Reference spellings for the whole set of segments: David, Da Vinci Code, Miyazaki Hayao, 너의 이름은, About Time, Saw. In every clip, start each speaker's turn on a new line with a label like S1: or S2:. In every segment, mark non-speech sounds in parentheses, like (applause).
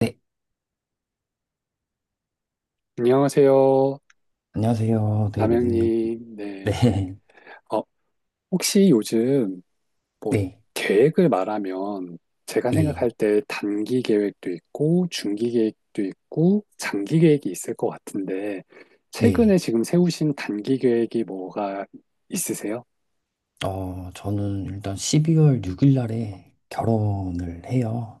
S1: 네,
S2: 안녕하세요,
S1: 안녕하세요, 데이비드님. (laughs)
S2: 남영님. 네.
S1: 네,
S2: 어, 혹시 요즘 뭐
S1: 네,
S2: 계획을 말하면 제가
S1: 예,
S2: 생각할 때 단기 계획도 있고 중기 계획도 있고 장기 계획이 있을 것 같은데 최근에
S1: 네.
S2: 지금 세우신 단기 계획이 뭐가 있으세요?
S1: 저는 일단 12월 6일 날에 결혼을 해요.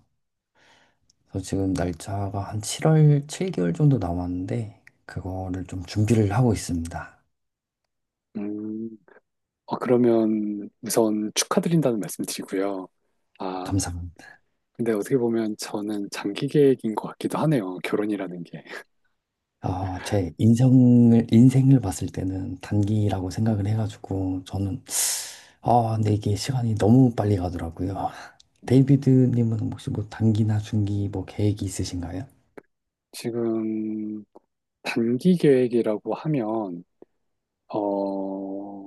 S1: 그래서 지금 날짜가 한 7월 7개월 정도 남았는데, 그거를 좀 준비를 하고 있습니다.
S2: 음, 그러면 우선 축하드린다는 말씀 드리고요. 아,
S1: 감사합니다.
S2: 근데 어떻게 보면 저는 장기 계획인 것 같기도 하네요. 결혼이라는 게.
S1: 아, 제 인생을 봤을 때는 단기라고 생각을 해가지고, 저는, 아, 근데 이게 시간이 너무 빨리 가더라고요. (laughs) 데이비드님은 혹시 뭐 단기나 중기 뭐 계획이 있으신가요?
S2: 지금 단기 계획이라고 하면, 어,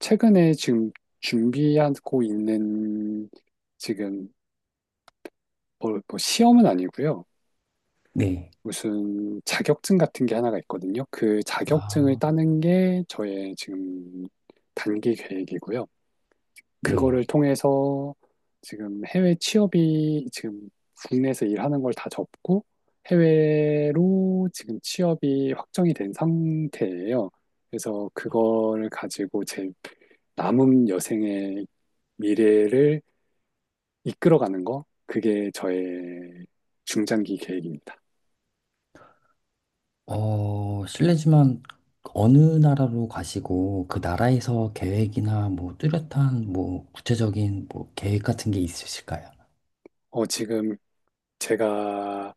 S2: 최근에 지금 준비하고 있는 지금 시험은 아니고요.
S1: 네.
S2: 무슨 자격증 같은 게 하나가 있거든요. 그 자격증을
S1: 아,
S2: 따는 게 저의 지금 단기 계획이고요.
S1: 네.
S2: 그거를 통해서 지금 해외 취업이 지금 국내에서 일하는 걸 다 접고 해외로 지금 취업이 확정이 된 상태예요. 그래서 그거를 가지고 제 남은 여생의 미래를 이끌어가는 거, 그게 저의 중장기 계획입니다.
S1: 실례지만 어느 나라로 가시고 그 나라에서 계획이나 뭐 뚜렷한 뭐 구체적인 뭐 계획 같은 게 있으실까요?
S2: 지금 제가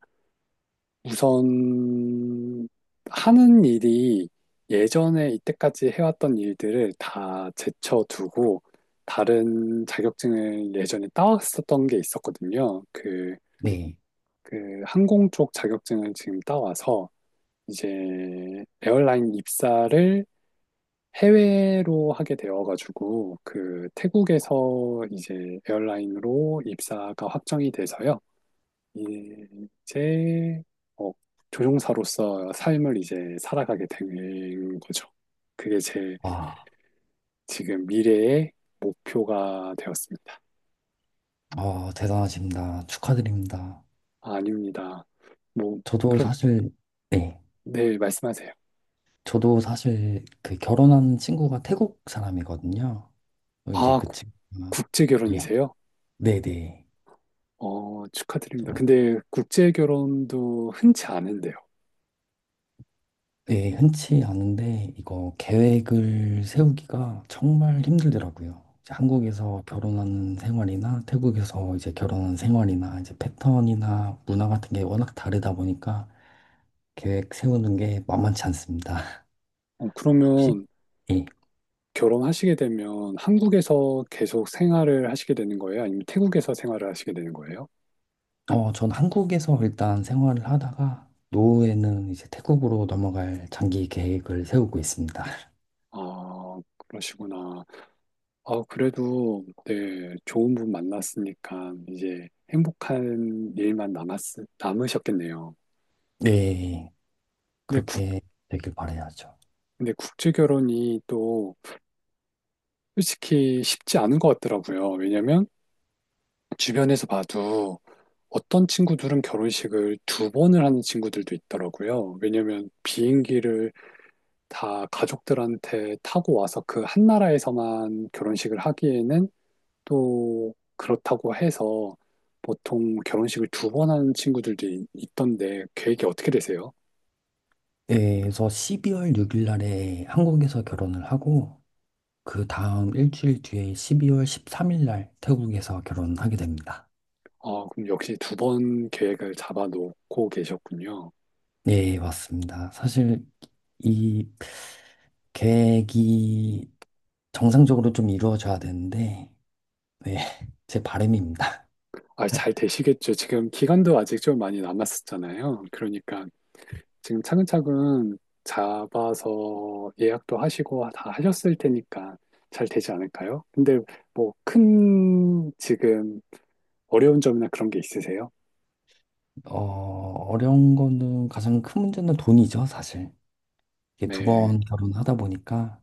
S2: 우선 하는 일이 예전에 이때까지 해왔던 일들을 다 제쳐두고 다른 자격증을 예전에 따왔었던 게 있었거든요.
S1: 네.
S2: 그 항공 쪽 자격증을 지금 따와서 이제 에어라인 입사를 해외로 하게 되어가지고 그 태국에서 이제 에어라인으로 입사가 확정이 돼서요. 예, 이제 어, 조종사로서 삶을 이제 살아가게 된 거죠. 그게 제
S1: 와,
S2: 지금 미래의 목표가 되었습니다.
S1: 대단하십니다. 축하드립니다.
S2: 아, 아닙니다. 뭐
S1: 저도
S2: 그럼
S1: 사실, 네.
S2: 네 말씀하세요.
S1: 저도 사실 그 결혼한 친구가 태국 사람이거든요. 이제
S2: 아
S1: 그
S2: 국-
S1: 친구가,
S2: 국제
S1: 예.
S2: 결혼이세요?
S1: 네네.
S2: 어 축하드립니다. 근데 국제 결혼도 흔치 않은데요.
S1: 네, 흔치 않은데 이거 계획을 세우기가 정말 힘들더라고요. 이제 한국에서 결혼하는 생활이나 태국에서 이제 결혼하는 생활이나 이제 패턴이나 문화 같은 게 워낙 다르다 보니까 계획 세우는 게 만만치 않습니다. (laughs) 혹시
S2: 그러면
S1: 예.
S2: 결혼하시게 되면 한국에서 계속 생활을 하시게 되는 거예요? 아니면 태국에서 생활을 하시게 되는 거예요?
S1: 전 한국에서 일단 생활을 하다가 노후에는 이제 태국으로 넘어갈 장기 계획을 세우고 있습니다. (laughs)
S2: 아 그러시구나. 어 그래도, 네, 좋은 분 만났으니까, 이제 남으셨겠네요.
S1: 네,
S2: 근데 국,
S1: 그렇게 되길 바라야죠.
S2: 근데 국제 결혼이 또, 솔직히 쉽지 않은 것 같더라고요. 왜냐면, 주변에서 봐도, 어떤 친구들은 결혼식을 두 번을 하는 친구들도 있더라고요. 왜냐면, 비행기를 다 가족들한테 타고 와서 그 한 나라에서만 결혼식을 하기에는 또 그렇다고 해서 보통 결혼식을 두 번 하는 친구들도 있던데 계획이 어떻게 되세요?
S1: 네, 그래서 12월 6일 날에 한국에서 결혼을 하고 그 다음 일주일 뒤에 12월 13일 날 태국에서 결혼하게 됩니다.
S2: 아, 그럼 역시 두 번 계획을 잡아놓고 계셨군요.
S1: 네, 맞습니다. 사실 이 계획이 정상적으로 좀 이루어져야 되는데 네, (laughs) 제 바람입니다.
S2: 아, 잘 되시겠죠. 지금 기간도 아직 좀 많이 남았었잖아요. 그러니까 지금 차근차근 잡아서 예약도 하시고 다 하셨을 테니까 잘 되지 않을까요? 근데 뭐 큰 지금 어려운 점이나 그런 게 있으세요?
S1: 어, 어려운 거는 가장 큰 문제는 돈이죠, 사실. 이게 두
S2: 네.
S1: 번 결혼하다 보니까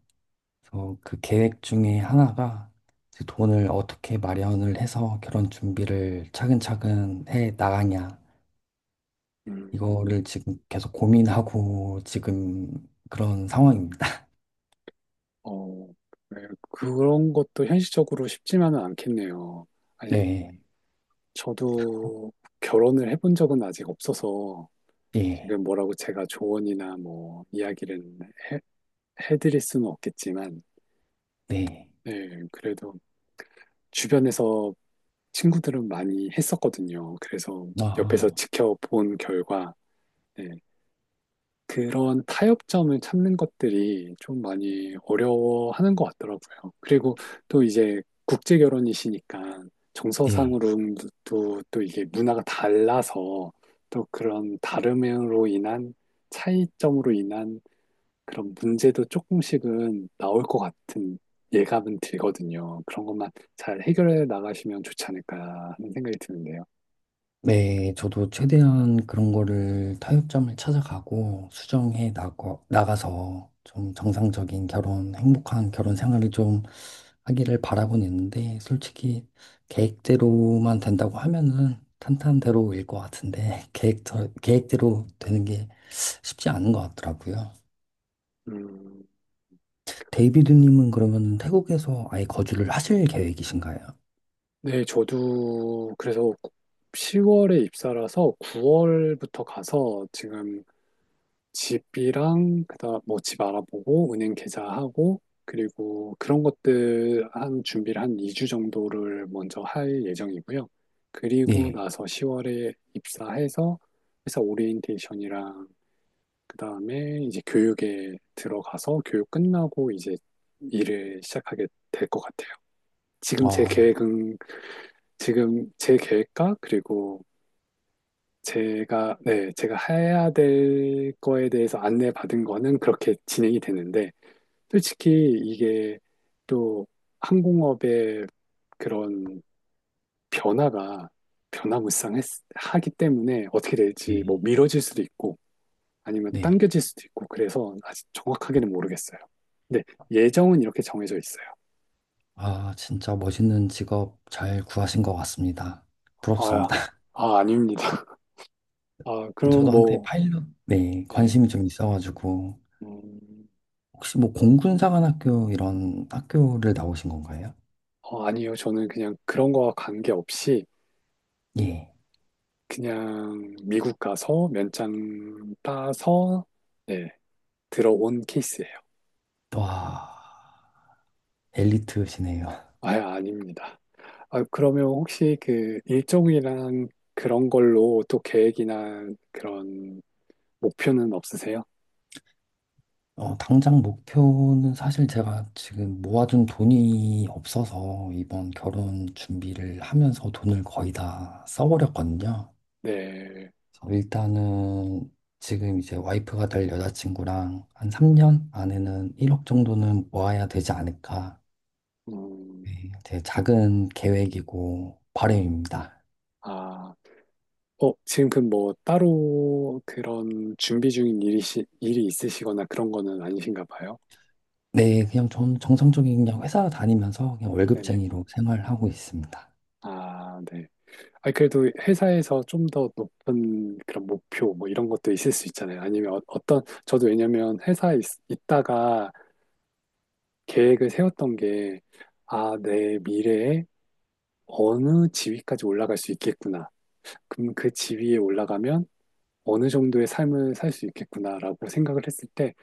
S1: 그래서 그 계획 중에 하나가 이제 돈을 어떻게 마련을 해서 결혼 준비를 차근차근 해 나가냐.
S2: 음.
S1: 이거를 지금 계속 고민하고 지금 그런 상황입니다.
S2: 어, 네, 그런 것도 현실적으로 쉽지만은 않겠네요.
S1: (laughs)
S2: 아니,
S1: 네,
S2: 저도 결혼을 해본 적은 아직 없어서
S1: 네,
S2: 지금 뭐라고 제가 조언이나 뭐 이야기를 해, 해드릴 수는 없겠지만,
S1: 네.
S2: 네, 그래도 주변에서 친구들은 많이 했었거든요. 그래서 옆에서
S1: 아,
S2: 지켜본 결과, 네, 그런 타협점을 찾는 것들이 좀 많이 어려워하는 것 같더라고요. 그리고 또 이제 국제 결혼이시니까
S1: 네.
S2: 정서상으로도 또 이게 문화가 달라서 또 그런 다름으로 인한 차이점으로 인한 그런 문제도 조금씩은 나올 것 같은 예감은 들거든요. 그런 것만 잘 해결해 나가시면 좋지 않을까 하는 생각이 드는데요.
S1: 네, 저도 최대한 그런 거를 타협점을 찾아가고 수정해 나가서 좀 정상적인 결혼, 행복한 결혼 생활을 좀 하기를 바라고는 있는데 솔직히 계획대로만 된다고 하면은 탄탄대로일 것 같은데 (laughs) 계획대로 되는 게 쉽지 않은 것 같더라고요.
S2: 음.
S1: 데이비드님은 그러면 태국에서 아예 거주를 하실 계획이신가요?
S2: 네, 저도 그래서 10월에 입사라서 9월부터 가서 지금 집이랑 그다음 뭐 집 알아보고 은행 계좌하고 그리고 그런 것들 한 준비를 한 2주 정도를 먼저 할 예정이고요. 그리고
S1: 네.
S2: 나서 10월에 입사해서 회사 오리엔테이션이랑 그다음에 이제 교육에 들어가서 교육 끝나고 이제 일을 시작하게 될 것 같아요. 지금 제
S1: 아,
S2: 계획은 지금 제 계획과 그리고 네, 제가 해야 될 거에 대해서 안내받은 거는 그렇게 진행이 되는데, 솔직히 이게 또 항공업의 그런 변화가 변화무쌍하기 때문에 어떻게 될지
S1: 네.
S2: 뭐 미뤄질 수도 있고 아니면
S1: 네.
S2: 당겨질 수도 있고 그래서 아직 정확하게는 모르겠어요. 근데 예정은 이렇게 정해져 있어요.
S1: 아, 진짜 멋있는 직업 잘 구하신 것 같습니다.
S2: 아,
S1: 부럽습니다.
S2: 아닙니다. 아,
S1: (laughs)
S2: 그럼
S1: 저도 한때
S2: 뭐,
S1: 파일럿, 네,
S2: 네.
S1: 관심이 좀 있어가지고.
S2: 음,
S1: 혹시 뭐 공군사관학교 이런 학교를 나오신 건가요?
S2: 어, 아니요. 저는 그냥 그런 거와 관계없이
S1: 예.
S2: 그냥 미국 가서 면장 따서 네, 들어온 케이스예요.
S1: 와, 엘리트시네요.
S2: 아, 아닙니다. 아, 그러면 혹시 그 일정이랑 그런 걸로 또 계획이나 그런 목표는 없으세요?
S1: 당장 목표는 사실 제가 지금 모아둔 돈이 없어서 이번 결혼 준비를 하면서 돈을 거의 다 써버렸거든요.
S2: 네.
S1: 그래서 일단은 지금 이제 와이프가 될 여자친구랑 한 3년 안에는 1억 정도는 모아야 되지 않을까.
S2: 음,
S1: 네, 제 작은 계획이고 바람입니다.
S2: 아, 어, 지금 그 뭐 따로 그런 준비 중인 일이 있으시거나 그런 거는 아니신가 봐요.
S1: 네, 그냥 좀 정상적인 그냥 회사 다니면서 그냥
S2: 네네.
S1: 월급쟁이로 생활하고 있습니다.
S2: 아, 네. 아니, 그래도 회사에서 좀 더 높은 그런 목표 뭐 이런 것도 있을 수 있잖아요. 아니면 저도 왜냐면 회사에 있, 다가 계획을 세웠던 게, 아, 내 미래에 어느 지위까지 올라갈 수 있겠구나. 그럼 그 지위에 올라가면 어느 정도의 삶을 살 수 있겠구나라고 생각을 했을 때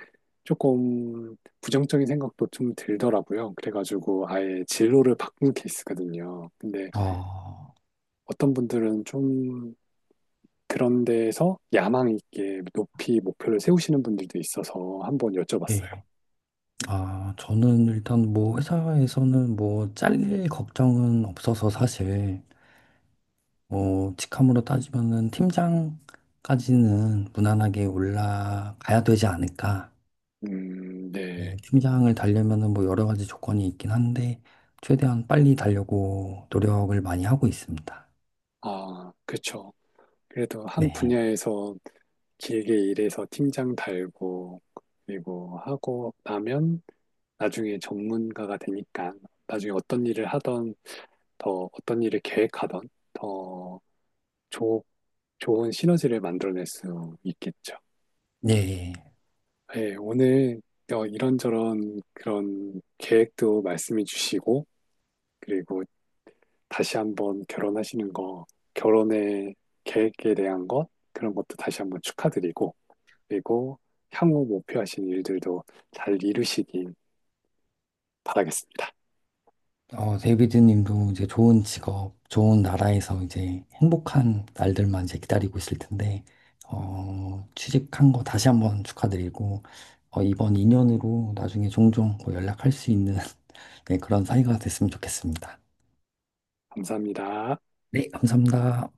S2: 조금 부정적인 생각도 좀 들더라고요. 그래가지고 아예 진로를 바꾼 케이스거든요. 근데
S1: 아,
S2: 어떤 분들은 좀 그런 데에서 야망 있게 높이 목표를 세우시는 분들도 있어서 한번 여쭤봤어요.
S1: 네. 아, 저는 일단 뭐 회사에서는 뭐 잘릴 걱정은 없어서 사실 뭐 직함으로 따지면은 팀장까지는 무난하게 올라가야 되지 않을까.
S2: 네.
S1: 예, 팀장을 달려면은 뭐 여러 가지 조건이 있긴 한데 최대한 빨리 달려고 노력을 많이 하고 있습니다.
S2: 아, 그렇죠. 그래도 한
S1: 네.
S2: 분야에서 길게 일해서 팀장 달고 그리고 하고 나면 나중에 전문가가 되니까 나중에 어떤 일을 하던 더 어떤 일을 계획하던 더 좋, 좋은 시너지를 만들어낼 수 있겠죠.
S1: 네.
S2: 네, 오늘 이런저런 그런 계획도 말씀해 주시고, 그리고 다시 한번 결혼하시는 거, 결혼의 계획에 대한 것, 그런 것도 다시 한번 축하드리고, 그리고 향후 목표하신 일들도 잘 이루시길 바라겠습니다.
S1: 데이비드님도 이제 좋은 직업, 좋은 나라에서 이제 행복한 날들만 이제 기다리고 있을 텐데, 취직한 거 다시 한번 축하드리고, 이번 인연으로 나중에 종종 뭐 연락할 수 있는 (laughs) 네, 그런 사이가 됐으면 좋겠습니다.
S2: 감사합니다.
S1: 네, 감사합니다.